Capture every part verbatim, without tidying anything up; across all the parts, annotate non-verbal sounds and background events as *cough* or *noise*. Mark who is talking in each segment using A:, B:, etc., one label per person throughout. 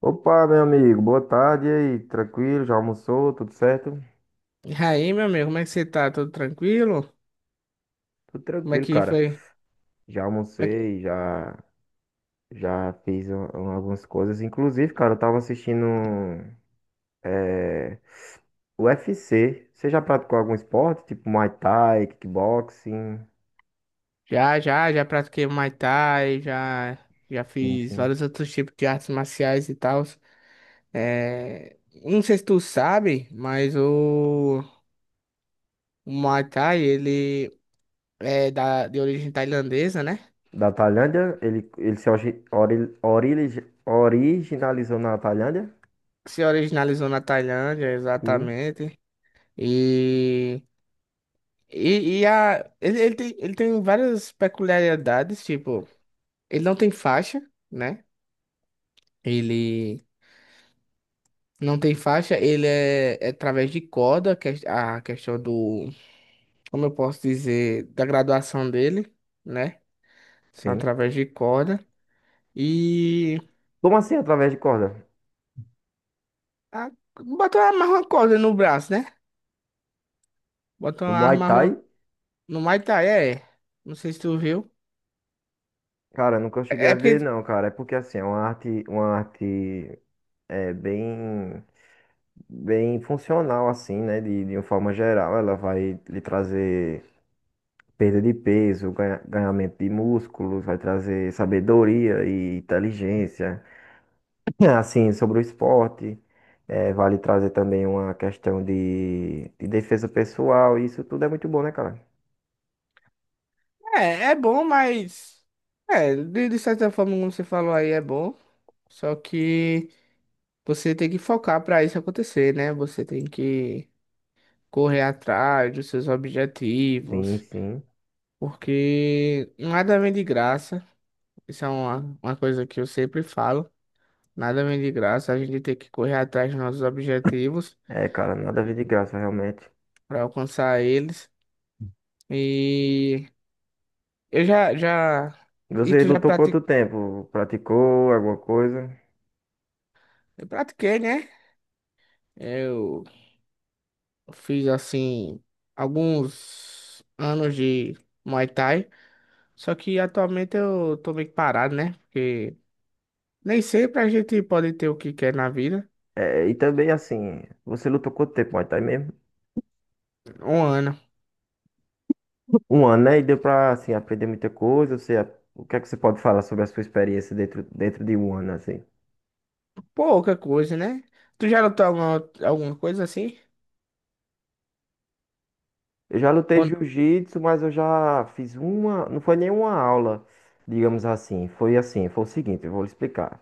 A: Opa, meu amigo, boa tarde, e aí, tranquilo? Já almoçou? Tudo certo?
B: E aí, meu amigo, como é que você tá? Tudo tranquilo?
A: Tudo
B: Como é
A: tranquilo,
B: que
A: cara.
B: foi?
A: Já
B: Como é que-
A: almocei, já, já fiz um- um- algumas coisas. Inclusive, cara, eu tava assistindo é, U F C. Você já praticou algum esporte? Tipo Muay Thai, kickboxing,
B: Já, já, já pratiquei Muay Thai, já, já fiz
A: enfim.
B: vários outros tipos de artes marciais e tal. É... Não sei se tu sabe, mas o, o Muay Thai, ele é da... de origem tailandesa, né?
A: Da Tailândia? Ele, ele se orgi- ori- orili- originalizou na Tailândia?
B: Se originalizou na Tailândia,
A: Sim,
B: exatamente. E, e, e a... ele, ele tem... ele tem várias peculiaridades, tipo, ele não tem faixa, né? Ele Não tem faixa, ele é, é através de corda, que é a questão do, como eu posso dizer, da graduação dele, né? São
A: sim.
B: através de corda. E
A: Como assim, através de corda?
B: a, botou uma amarra uma corda no braço, né? Botou
A: No
B: uma
A: Muay
B: arma
A: Thai?
B: uma- no Muay Thai, é. Não sei se tu viu.
A: Cara, nunca cheguei
B: É
A: a
B: é
A: ver,
B: porque
A: não, cara. É porque assim, é uma arte, uma arte é, bem, bem funcional, assim, né? De, de uma forma geral. Ela vai lhe trazer perda de peso, ganha, ganhamento de músculos, vai trazer sabedoria e inteligência, *clears throat* assim, sobre o esporte. É, vai lhe trazer também uma questão de, de defesa pessoal. E isso tudo é muito bom, né, cara?
B: é, é bom, mas é, de, de certa forma, como você falou aí, é bom. Só que você tem que focar pra isso acontecer, né? Você tem que correr atrás dos seus
A: Sim,
B: objetivos.
A: sim.
B: Porque nada vem de graça. Isso é uma, uma coisa que eu sempre falo. Nada vem de graça. A gente tem que correr atrás dos nossos objetivos
A: É, cara, nada a ver de graça, realmente.
B: para alcançar eles. E eu já, já, e
A: Você
B: tu já
A: lutou quanto
B: prati-
A: tempo? Praticou alguma coisa?
B: eu pratiquei, né? Eu fiz assim alguns anos de Muay Thai. Só que atualmente eu tô meio que parado, né? Porque nem sempre a gente pode ter o que quer na vida.
A: É, e também assim, você lutou quanto tempo, Muay Thai mesmo?
B: Um ano.
A: Um ano, né? E deu pra assim, aprender muita coisa. Você, o que é que você pode falar sobre a sua experiência dentro, dentro de um ano, assim?
B: Pouca coisa, né? Tu já lutou alguma, alguma coisa assim?
A: Eu já lutei
B: Quando...
A: jiu-jitsu, mas eu já fiz uma. Não foi nenhuma aula, digamos assim. Foi assim, foi o seguinte, eu vou lhe explicar.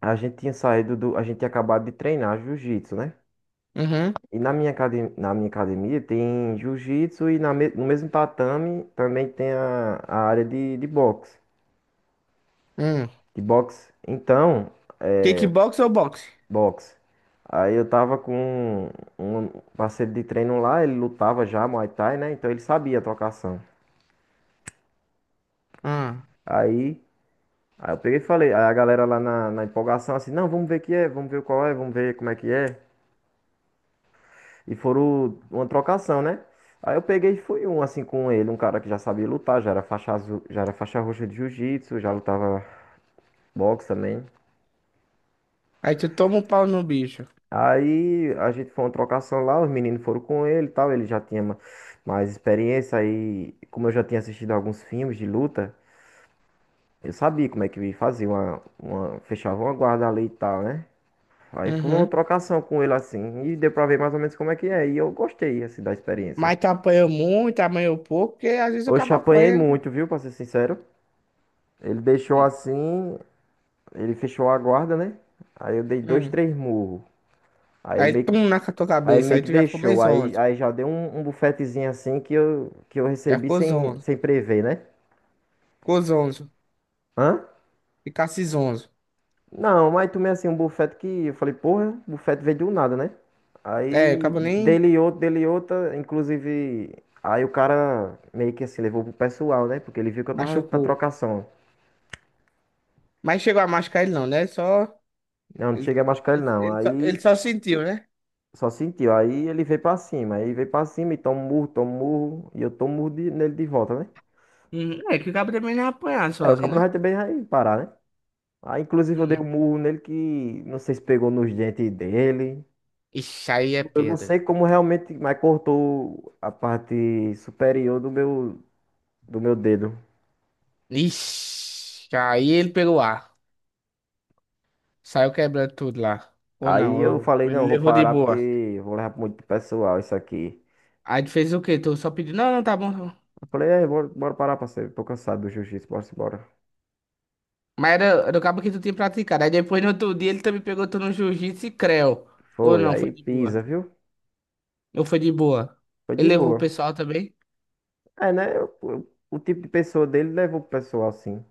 A: A gente tinha saído do. A gente tinha acabado de treinar jiu-jitsu, né?
B: Uhum.
A: E na minha, academia, na minha academia tem jiu-jitsu e na, me- no mesmo tatame também tem a, a área de, de boxe.
B: Hum.
A: De boxe. Então.
B: Kickbox ou boxe?
A: Boxe. Aí eu tava com um parceiro de treino lá, ele lutava já Muay Thai, né? Então ele sabia a trocação.
B: Ah.
A: Aí, aí eu peguei e falei, aí a galera lá na, na empolgação assim, não, vamos ver que é, vamos ver qual é, vamos ver como é que é. E foram uma trocação, né? Aí eu peguei e fui um assim com ele, um cara que já sabia lutar, já era faixa azul, já era faixa roxa de jiu-jitsu, já lutava boxe também.
B: Aí tu toma um pau no bicho.
A: Aí a gente foi uma trocação lá, os meninos foram com ele e tal, ele já tinha ma- mais experiência aí, como eu já tinha assistido alguns filmes de luta, eu sabia como é que fazia uma, uma, fechava uma guarda ali e tal, né? Aí foi uma
B: Uhum.
A: trocação com ele assim, e deu pra ver mais ou menos como é que é, e eu gostei assim da experiência.
B: Mas tu apanhou muito, apanhou pouco, porque às vezes o
A: Hoje
B: cabo
A: apanhei
B: apanha, né?
A: muito, viu, pra ser sincero. Ele deixou
B: Hum.
A: assim, ele fechou a guarda, né? Aí eu dei dois,
B: Hum.
A: três murros. Aí ele
B: Aí
A: meio que
B: pum na tua
A: Aí ele
B: cabeça.
A: meio
B: Aí
A: que
B: tu já ficou meio
A: deixou. Aí,
B: zonzo.
A: aí já deu um, um bufetezinho assim que eu, que eu
B: Já
A: recebi
B: ficou
A: sem,
B: zonzo.
A: sem prever, né?
B: Ficou zonzo.
A: Hã?
B: Ficasse zonzo.
A: Não, mas tomei assim um bufete que eu falei, porra, bufete veio do nada, né?
B: É, o
A: Aí
B: cabo nem
A: dele outro, dele outra, inclusive. Aí o cara meio que assim levou pro pessoal, né? Porque ele viu que eu tava na
B: machucou.
A: trocação.
B: Mas chegou a machucar ele não, né? Só.
A: Não, não
B: Ele,
A: cheguei a machucar ele
B: ele,
A: não.
B: ele só, ele
A: Aí
B: só sentiu, né?
A: só sentiu. Aí ele veio pra cima. Aí veio pra cima e toma um murro, toma um murro. E eu tomo um murro de- nele de volta, né?
B: Hum. É que o cabo também não é apanhar
A: É, o
B: sozinho,
A: cabo não
B: né?
A: vai também vai parar, né? Aí, inclusive, eu dei um murro nele que não sei se pegou nos dentes dele.
B: Ixi, aí é
A: Eu não
B: pedra.
A: sei como realmente, mas cortou a parte superior do meu, do meu dedo.
B: Ixi, aí ele pegou ar. Saiu quebrando tudo lá. Ou
A: Aí
B: não,
A: eu
B: eu-
A: falei, não, eu
B: ele
A: vou
B: levou de
A: parar porque
B: boa.
A: eu vou levar pro muito pessoal isso aqui.
B: Aí tu fez o quê? Tu só pediu, "Não, não, tá bom, tá bom."
A: Eu falei, é, bora, bora parar, parceiro. Tô cansado do jiu-jitsu, bora embora.
B: Mas era, era o cabo que tu tinha praticado. Aí depois no outro dia ele também pegou tu no jiu-jitsu e creu. Ou
A: Foi,
B: não, foi
A: aí
B: de boa.
A: pisa, viu?
B: Ou foi de boa.
A: Foi
B: Ele
A: de
B: levou o
A: boa.
B: pessoal também.
A: É, né? Eu- eu- o tipo de pessoa dele levou pro pessoal, assim.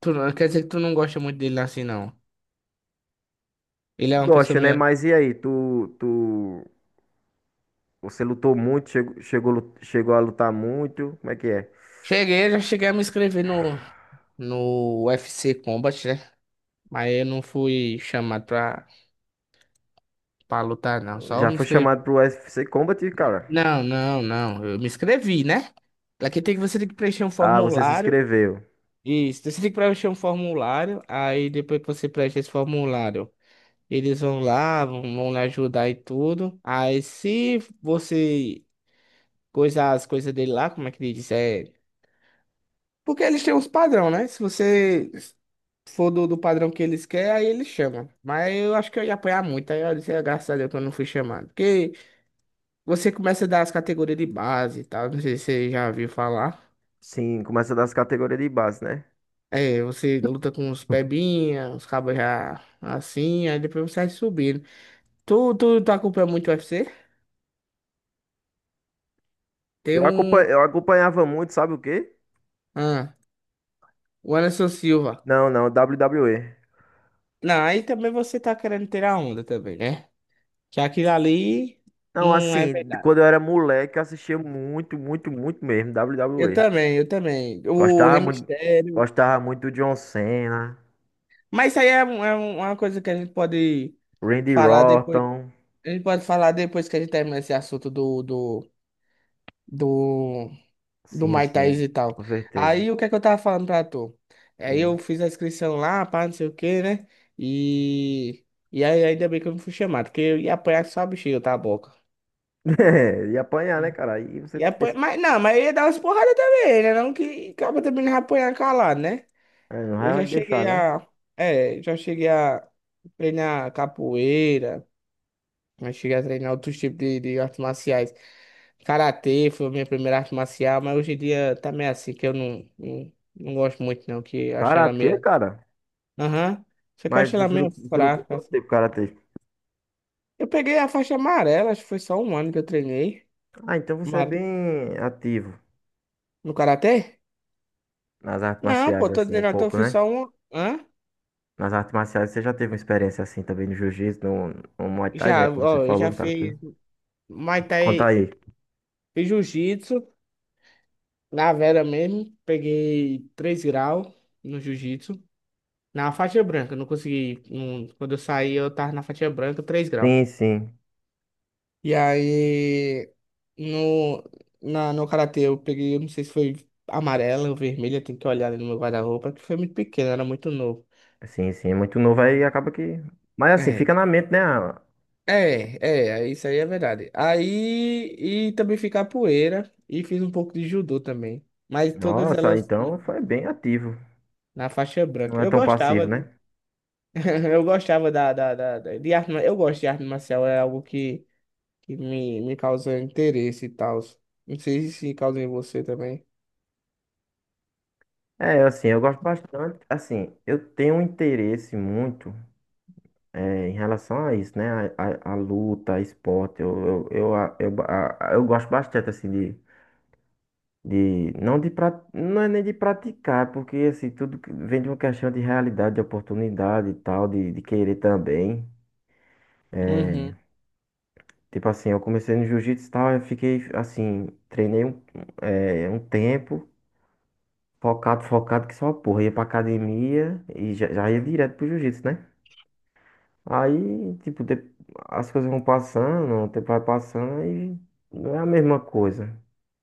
B: Tu, não- Quer dizer que tu não gosta muito dele assim, não. Ele é uma pessoa
A: Gosto, né?
B: meio.
A: Mas e aí, tu, tu você lutou muito, chegou, chegou, lu- chegou a lutar muito. Como é que é?
B: Cheguei, já cheguei a me inscrever no, no U F C Combat, né? Mas eu não fui chamado pra. Pra lutar, não. Só eu
A: Já
B: me
A: foi chamado
B: inscrevi.
A: pro U F C Combat, cara?
B: Não, não, não. Eu me inscrevi, né? Aqui tem que você tem que preencher um
A: Ah, você se
B: formulário.
A: inscreveu.
B: Isso, você tem que preencher um formulário. Aí depois que você preenche esse formulário, eles vão lá, vão, vão lhe ajudar e tudo. Aí se você coisar as coisas dele lá, como é que ele diz? É... Porque eles têm uns padrão, né? Se você for do, do padrão que eles querem, aí eles chamam. Mas eu acho que eu ia apanhar muito. Aí eu disse, "Ah, graças a Deus que eu não fui chamado." Porque você começa a dar as categorias de base e tal. Não sei se você já ouviu falar.
A: Sim, começa das categorias de base, né?
B: É, você luta com os
A: *laughs*
B: pebinha, os cabos já assim, aí depois você vai subindo. Tu, tu, tu acompanha muito o U F C? Tem
A: Eu acompa-
B: um.
A: eu acompanhava muito, sabe o quê?
B: Ah, o Anderson Silva.
A: Não, não, W W E.
B: Não, aí também você tá querendo ter a onda também, né? Que aquilo ali
A: Não,
B: não é
A: assim,
B: verdade.
A: quando eu era moleque, eu assistia muito, muito, muito mesmo
B: Eu
A: W W E.
B: também, eu também. O Rei
A: Gostava muito,
B: Mistério.
A: gostava muito do John Cena,
B: Mas isso aí é, um- é um- uma coisa que a gente pode
A: Randy
B: falar depois.
A: Orton.
B: A gente pode falar depois que a gente terminar esse assunto do, do do, do
A: Sim,
B: Muay Thai
A: sim,
B: e tal.
A: com certeza.
B: Aí o que é que eu tava falando pra tu? Aí eu
A: Sim.
B: fiz a inscrição lá, pá, não sei o que, né? E, e aí ainda bem que eu não fui chamado, porque eu ia apanhar só a bexiga, tá, boca.
A: *laughs* É, e apanhar, né,
B: E
A: cara? Aí você
B: e apanha... Mas não, mas eu ia dar umas porradas também, né? Não que acaba também não ia apanhar calado, né?
A: é, não
B: Eu
A: vai
B: já
A: deixar,
B: cheguei
A: né?
B: a. É, já cheguei a treinar capoeira, já cheguei a treinar outros tipos de, de artes marciais. Karatê foi a minha primeira arte marcial, mas hoje em dia tá meio assim, que eu não, não, não gosto muito não, que eu achei ela
A: Karatê,
B: meio...
A: cara?
B: Aham, só que eu
A: Mas
B: achei ela
A: você
B: meio
A: lutou, você lutou
B: fraca,
A: quanto
B: assim.
A: tempo karatê?
B: Eu peguei a faixa amarela, acho que foi só um ano que eu treinei.
A: Ah, então você é
B: Amare-
A: bem ativo
B: No Karatê?
A: nas artes
B: Não, pô,
A: marciais,
B: tô
A: assim, um
B: dizendo que eu
A: pouco,
B: fiz
A: né?
B: só um... Hã?
A: Nas artes marciais você já teve uma experiência assim também no jiu-jitsu, no, no Muay Thai, né?
B: Já,
A: Como você
B: ó, eu
A: falou,
B: já
A: no karatê.
B: fiz Muay
A: Conta
B: Thai,
A: aí.
B: fiz Jiu-Jitsu, na Vera mesmo, peguei três graus no Jiu-Jitsu. Na faixa branca, não consegui. Não- quando eu saí, eu tava na faixa branca, três graus.
A: Sim, sim.
B: E aí, no, na, no karatê eu peguei, eu não sei se foi amarela ou vermelha, tem que olhar ali no meu guarda-roupa, que foi muito pequeno, era muito novo.
A: Sim, sim. É muito novo aí acaba que. Mas assim,
B: É,
A: fica na mente, né? Ah,
B: é, é, isso aí é verdade. Aí, e também fiz capoeira, e fiz um pouco de judô também. Mas todas
A: nossa,
B: elas na
A: então foi bem ativo.
B: na faixa
A: Não
B: branca.
A: é
B: Eu
A: tão
B: gostava,
A: passivo,
B: de,
A: né?
B: *laughs* eu gostava da, da, da, da- de arte, ma- eu gosto de arte marcial, é algo que, que me, me causa interesse e tal. Não sei se causa em você também.
A: É, assim, eu gosto bastante. Assim, eu tenho um interesse muito. É, em relação a isso, né? A, a, a luta, a esporte, eu, eu, eu, a- eu, ba- a- eu gosto bastante, assim, de, de não de pra, não é nem de praticar, porque, assim, tudo que- vem de uma questão de realidade, de oportunidade e tal, de, de querer também.
B: Uhum,
A: Tipo assim, eu comecei no jiu-jitsu e tal, eu fiquei, assim, treinei um, é, um tempo, focado, focado, que só, uma porra, ia pra academia e já, já ia direto pro jiu-jitsu, né? Aí, tipo, de- As coisas vão passando, o tempo vai passando e não é a mesma coisa.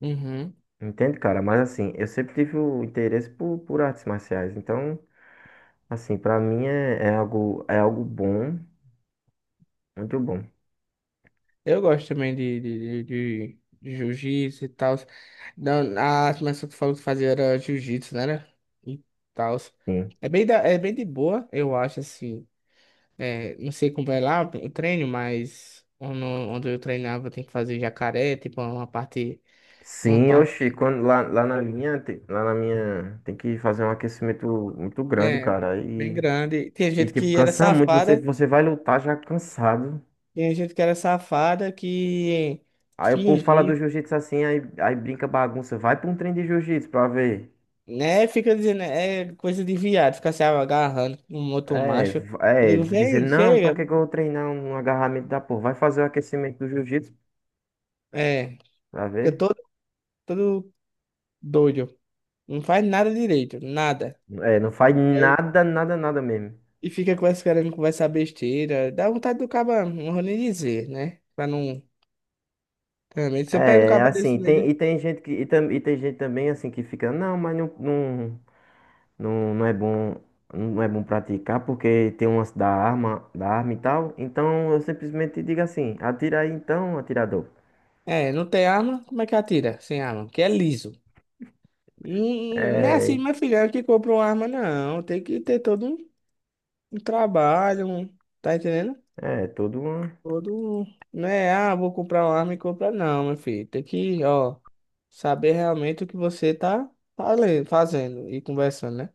B: uhum.
A: Entende, cara? Mas assim, eu sempre tive o interesse por, por artes marciais. Então, assim, pra mim é, é algo, é algo bom, muito bom.
B: Eu gosto também de, de, de, de- de jiu-jitsu e tal. Não, a armação que tu falou que fazia era jiu-jitsu, né? Né? E tal.
A: Sim.
B: É bem, da, é bem de boa, eu acho, assim. É, não sei como é lá o treino, mas onde, onde eu treinava tem que fazer jacaré, tipo, uma parte, uma
A: Sim, oxi,
B: parte,
A: quando lá, lá na minha, te- lá na minha, tem que fazer um aquecimento muito grande,
B: é,
A: cara.
B: bem
A: E,
B: grande. Tinha
A: e
B: gente
A: tipo,
B: que era
A: cansa muito, você,
B: safada,
A: você vai lutar já cansado.
B: tinha gente que era safada que
A: Aí o povo fala do
B: fingia.
A: jiu-jitsu assim, aí, aí brinca bagunça. Vai pra um treino de jiu-jitsu pra ver.
B: Né? Fica dizendo, é coisa de viado, fica se agarrando com um outro
A: É,
B: macho.
A: v-
B: Eu
A: é,
B: digo,
A: dizer,
B: vem,
A: não, pra
B: chega.
A: que que eu vou treinar um agarramento da porra? Vai fazer o aquecimento do jiu-jitsu
B: É,
A: pra
B: fica
A: ver.
B: todo, todo doido. Não faz nada direito, nada.
A: É, não faz
B: E aí,
A: nada, nada, nada mesmo.
B: e fica com essa querendo conversar besteira. Dá vontade do caba, não vou nem dizer, né? Pra não. Também, se eu pego um
A: É, é
B: caba desse
A: assim,
B: no meio.
A: tem, e
B: de-
A: tem gente que, e, tam, e tem gente também assim que fica, não, mas não, não, não, não é bom, não é bom praticar porque tem umas da arma, da arma e tal. Então eu simplesmente digo assim, atira aí então, atirador.
B: É, não tem arma, como é que atira sem arma? Que é liso. Hum, Não é
A: É,
B: assim, meu filho, é que compra uma arma, não. Tem que ter todo um, um trabalho, um- tá entendendo?
A: é tudo uma,
B: Todo, não é, ah, vou comprar uma arma e comprar, não, meu filho. Tem que, ó, saber realmente o que você tá falen- fazendo e conversando, né?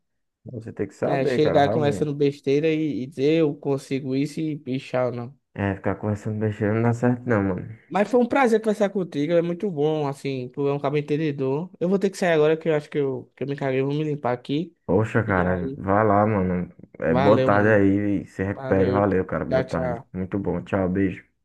A: você tem que
B: Né,
A: saber, cara,
B: chegar
A: realmente.
B: conversando besteira e, e dizer eu consigo isso e bichar ou não.
A: É, ficar conversando besteira não dá certo não, mano.
B: Mas foi um prazer conversar contigo, é muito bom, assim, tu é um cara entendedor. Eu vou ter que sair agora que eu acho que eu, que eu me caguei, eu vou me limpar aqui.
A: Poxa,
B: E
A: cara,
B: aí,
A: vai lá, mano. É, boa
B: valeu,
A: tarde
B: mano.
A: aí. Se recupere.
B: Valeu.
A: Valeu, cara. Boa
B: Tchau,
A: tarde.
B: tchau.
A: Muito bom. Tchau, beijo.